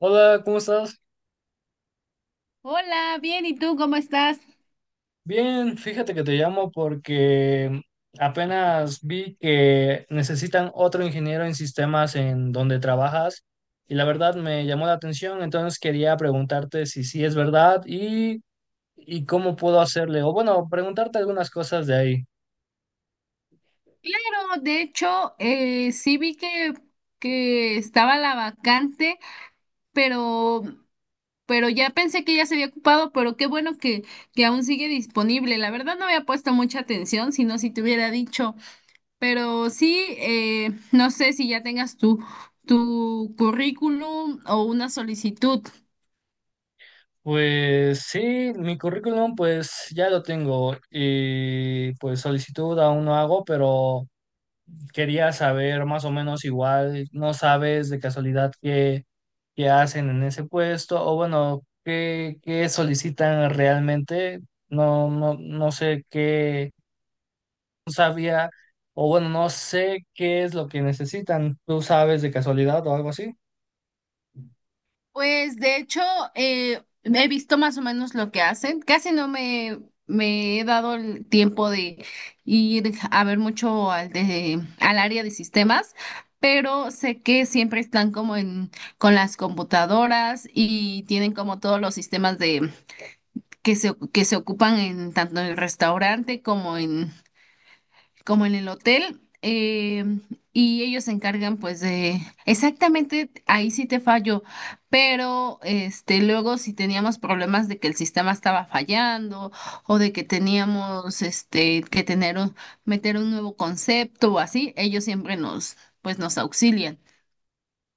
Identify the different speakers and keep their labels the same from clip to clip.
Speaker 1: Hola, ¿cómo estás?
Speaker 2: Hola, bien, ¿y tú cómo estás?
Speaker 1: Bien, fíjate que te llamo porque apenas vi que necesitan otro ingeniero en sistemas en donde trabajas y la verdad me llamó la atención, entonces quería preguntarte si sí es verdad y cómo puedo hacerle, o bueno, preguntarte algunas cosas de ahí.
Speaker 2: Claro, de hecho, sí vi que estaba la vacante, pero, pero ya pensé que ya se había ocupado, pero qué bueno que aún sigue disponible. La verdad no había puesto mucha atención, sino si te hubiera dicho, pero sí, no sé si ya tengas tu currículum o una solicitud.
Speaker 1: Pues sí, mi currículum pues ya lo tengo y pues solicitud aún no hago, pero... Quería saber más o menos igual, no sabes de casualidad qué hacen en ese puesto o bueno, qué solicitan realmente. No, no, no sé qué, no sabía o bueno, no sé qué es lo que necesitan. ¿Tú sabes de casualidad o algo así?
Speaker 2: Pues de hecho, he visto más o menos lo que hacen. Casi no me he dado el tiempo de ir a ver mucho al área de sistemas, pero sé que siempre están como con las computadoras y tienen como todos los sistemas que que se ocupan en tanto en el restaurante como en el hotel. Y ellos se encargan pues de exactamente ahí sí te fallo, pero este luego si teníamos problemas de que el sistema estaba fallando o de que teníamos este que tener meter un nuevo concepto o así, ellos siempre nos pues nos auxilian.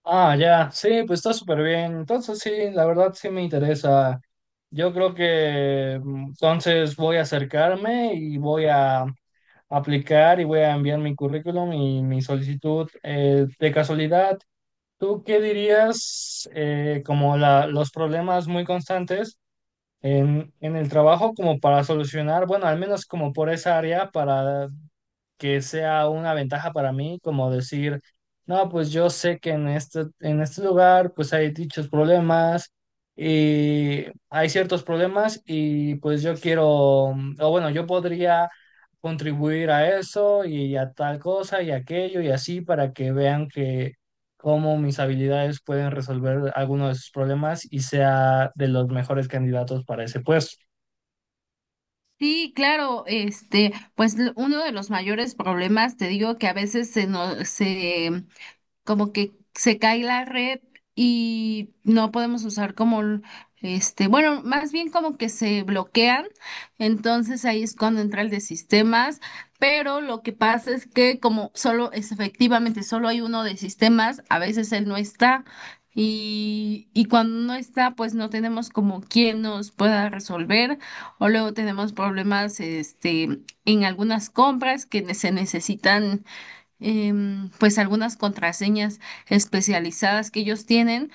Speaker 1: Ah, ya, sí, pues está súper bien. Entonces sí, la verdad sí me interesa. Yo creo que entonces voy a acercarme y voy a aplicar y voy a enviar mi currículum y mi solicitud. De casualidad, ¿tú qué dirías como los problemas muy constantes en el trabajo como para solucionar, bueno, al menos como por esa área, para que sea una ventaja para mí, como decir, no, pues yo sé que en en este lugar pues hay dichos problemas y hay ciertos problemas y pues yo quiero, o bueno, yo podría contribuir a eso y a tal cosa y aquello y así para que vean que cómo mis habilidades pueden resolver algunos de sus problemas y sea de los mejores candidatos para ese puesto.
Speaker 2: Sí, claro, este, pues uno de los mayores problemas, te digo que a veces se nos se como que se cae la red y no podemos usar este, bueno, más bien como que se bloquean, entonces ahí es cuando entra el de sistemas, pero lo que pasa es que como solo es efectivamente solo hay uno de sistemas, a veces él no está. Y cuando no está, pues no tenemos como quien nos pueda resolver, o luego tenemos problemas este, en algunas compras que se necesitan pues algunas contraseñas especializadas que ellos tienen,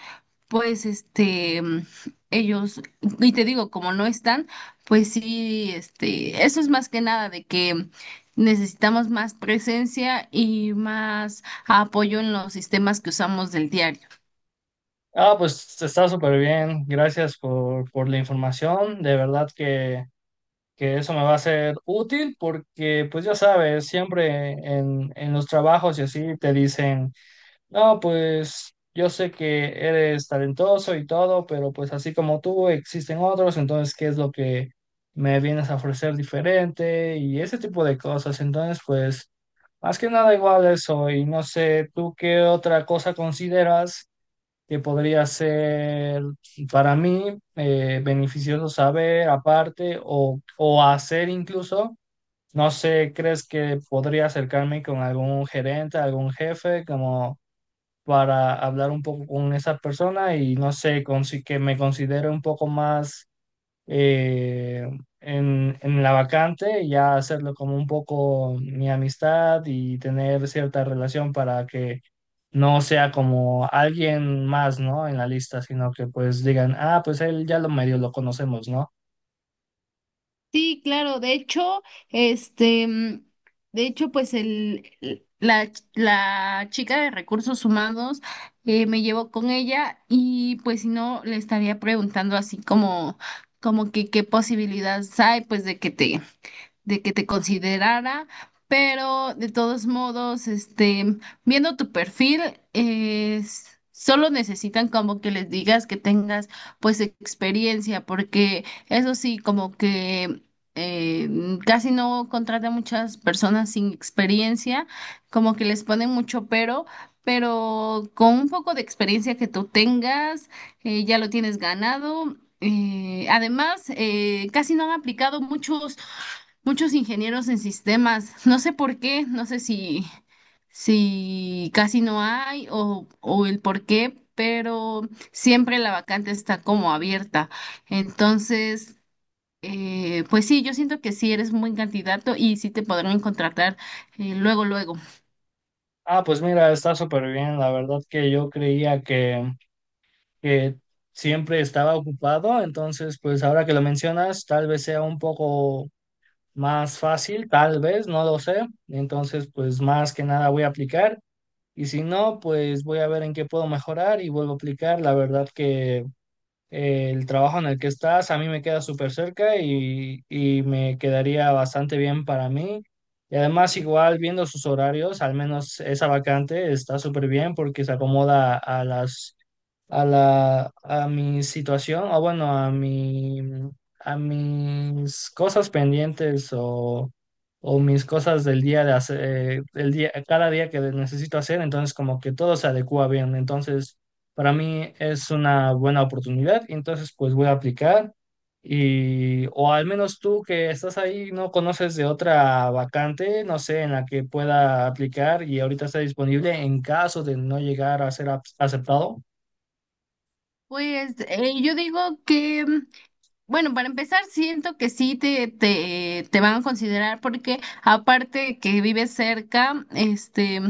Speaker 2: pues este, ellos, y te digo, como no están, pues sí, este, eso es más que nada de que necesitamos más presencia y más apoyo en los sistemas que usamos del diario.
Speaker 1: Ah, pues está súper bien. Gracias por la información. De verdad que eso me va a ser útil porque, pues ya sabes, siempre en los trabajos y así te dicen, no, pues yo sé que eres talentoso y todo, pero pues así como tú existen otros, entonces, ¿qué es lo que me vienes a ofrecer diferente? Y ese tipo de cosas. Entonces, pues, más que nada igual eso. Y no sé, ¿tú qué otra cosa consideras que podría ser para mí beneficioso saber aparte o hacer incluso? No sé, ¿crees que podría acercarme con algún gerente, algún jefe, como para hablar un poco con esa persona y no sé, que me considere un poco más eh, en la vacante, ya hacerlo como un poco mi amistad y tener cierta relación para que no sea como alguien más, ¿no? En la lista, sino que pues digan, ah, pues él ya lo medio lo conocemos, ¿no?
Speaker 2: Sí, claro, de hecho, este, de hecho, pues la chica de recursos humanos me llevó con ella y pues si no, le estaría preguntando así como, como que qué posibilidades hay pues de que te considerara, pero de todos modos, este, viendo tu perfil, es, solo necesitan como que les digas que tengas pues experiencia, porque eso sí, como que eh, casi no contratan muchas personas sin experiencia, como que les ponen mucho pero. Pero con un poco de experiencia que tú tengas, ya lo tienes ganado. Además, casi no han aplicado muchos ingenieros en sistemas. No sé por qué, no sé si casi no hay o el por qué, pero siempre la vacante está como abierta. Entonces, pues sí, yo siento que sí eres un buen candidato y sí te podrán contratar luego, luego.
Speaker 1: Ah, pues mira, está súper bien, la verdad que yo creía que siempre estaba ocupado, entonces pues ahora que lo mencionas, tal vez sea un poco más fácil, tal vez, no lo sé, entonces pues más que nada voy a aplicar. Y si no, pues voy a ver en qué puedo mejorar y vuelvo a aplicar. La verdad que el trabajo en el que estás a mí me queda súper cerca y me quedaría bastante bien para mí. Y además, igual viendo sus horarios, al menos esa vacante está súper bien porque se acomoda a a mi situación, o bueno, a mi, a mis cosas pendientes o mis cosas del día de hacer, del día, cada día que necesito hacer, entonces como que todo se adecua bien. Entonces, para mí es una buena oportunidad, y entonces pues voy a aplicar. Y, o al menos tú que estás ahí, no conoces de otra vacante, no sé, en la que pueda aplicar y ahorita está disponible en caso de no llegar a ser aceptado.
Speaker 2: Pues yo digo que bueno, para empezar, siento que sí te van a considerar porque aparte que vives cerca, este,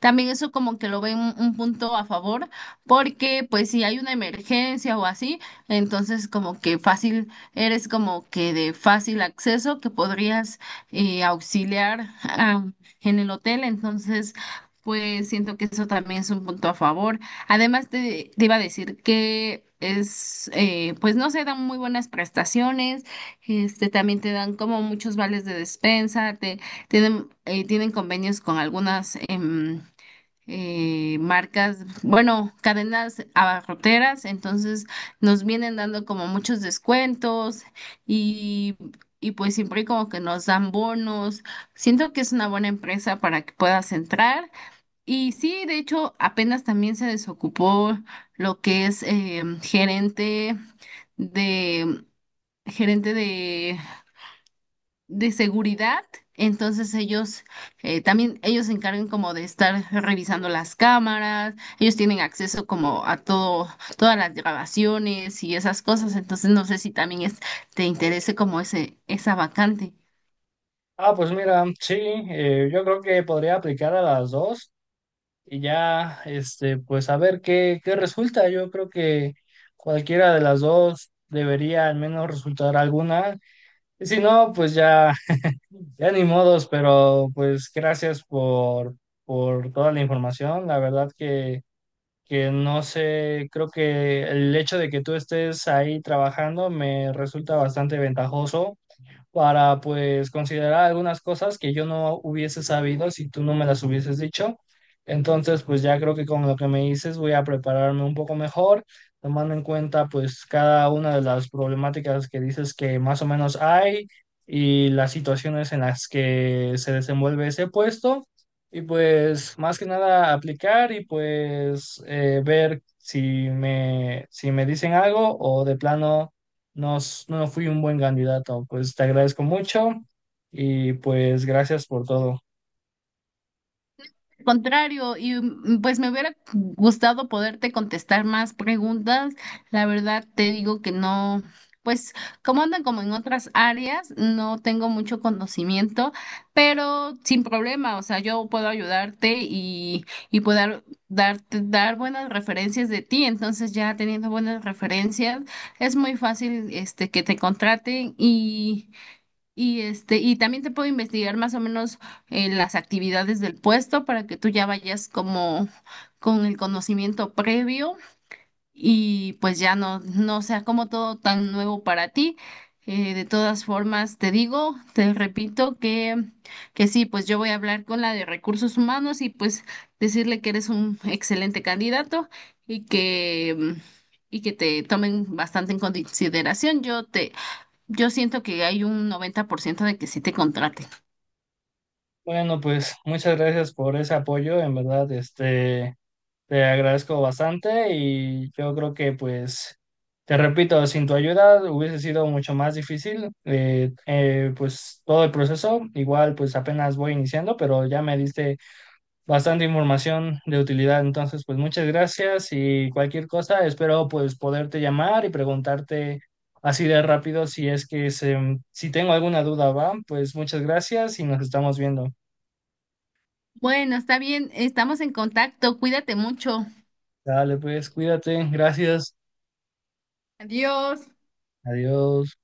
Speaker 2: también eso como que lo ven un punto a favor, porque pues si hay una emergencia o así, entonces como que fácil, eres como que de fácil acceso que podrías auxiliar en el hotel, entonces pues siento que eso también es un punto a favor. Además, te iba a decir que es, pues no se dan muy buenas prestaciones, este, también te dan como muchos vales de despensa, tienen, tienen convenios con algunas marcas, bueno, cadenas abarroteras, entonces nos vienen dando como muchos descuentos y, y pues siempre como que nos dan bonos. Siento que es una buena empresa para que puedas entrar. Y sí, de hecho, apenas también se desocupó lo que es gerente de gerente de, de seguridad. Entonces ellos se encargan como de estar revisando las cámaras, ellos tienen acceso como a todo, todas las grabaciones y esas cosas. Entonces no sé si también te interese como esa vacante.
Speaker 1: Ah, pues mira, sí, yo creo que podría aplicar a las dos y ya, este, pues a ver qué, qué resulta. Yo creo que cualquiera de las dos debería al menos resultar alguna. Y si no, pues ya, ya ni modos, pero pues gracias por toda la información. La verdad que no sé, creo que el hecho de que tú estés ahí trabajando me resulta bastante ventajoso para pues considerar algunas cosas que yo no hubiese sabido si tú no me las hubieses dicho. Entonces, pues ya creo que con lo que me dices voy a prepararme un poco mejor, tomando en cuenta pues cada una de las problemáticas que dices que más o menos hay y las situaciones en las que se desenvuelve ese puesto. Y pues más que nada aplicar y pues ver si si me dicen algo o de plano no, no fui un buen candidato. Pues te agradezco mucho y pues gracias por todo.
Speaker 2: Contrario, y pues me hubiera gustado poderte contestar más preguntas. La verdad te digo que no, pues como andan como en otras áreas, no tengo mucho conocimiento, pero sin problema, o sea, yo puedo ayudarte y puedo dar buenas referencias de ti. Entonces ya teniendo buenas referencias, es muy fácil este que te contraten y este, y también te puedo investigar más o menos las actividades del puesto para que tú ya vayas como con el conocimiento previo y pues ya no sea como todo tan nuevo para ti. De todas formas, te digo, te repito que sí, pues yo voy a hablar con la de recursos humanos y pues decirle que eres un excelente candidato y y que te tomen bastante en consideración. Yo siento que hay un 90% de que sí te contraten.
Speaker 1: Bueno, pues muchas gracias por ese apoyo, en verdad, este, te agradezco bastante y yo creo que pues, te repito, sin tu ayuda hubiese sido mucho más difícil, pues todo el proceso, igual pues apenas voy iniciando, pero ya me diste bastante información de utilidad. Entonces, pues muchas gracias y cualquier cosa, espero pues poderte llamar y preguntarte así de rápido si es que se, si tengo alguna duda, va, pues muchas gracias y nos estamos viendo.
Speaker 2: Bueno, está bien, estamos en contacto, cuídate mucho.
Speaker 1: Dale, pues cuídate, gracias,
Speaker 2: Adiós.
Speaker 1: adiós.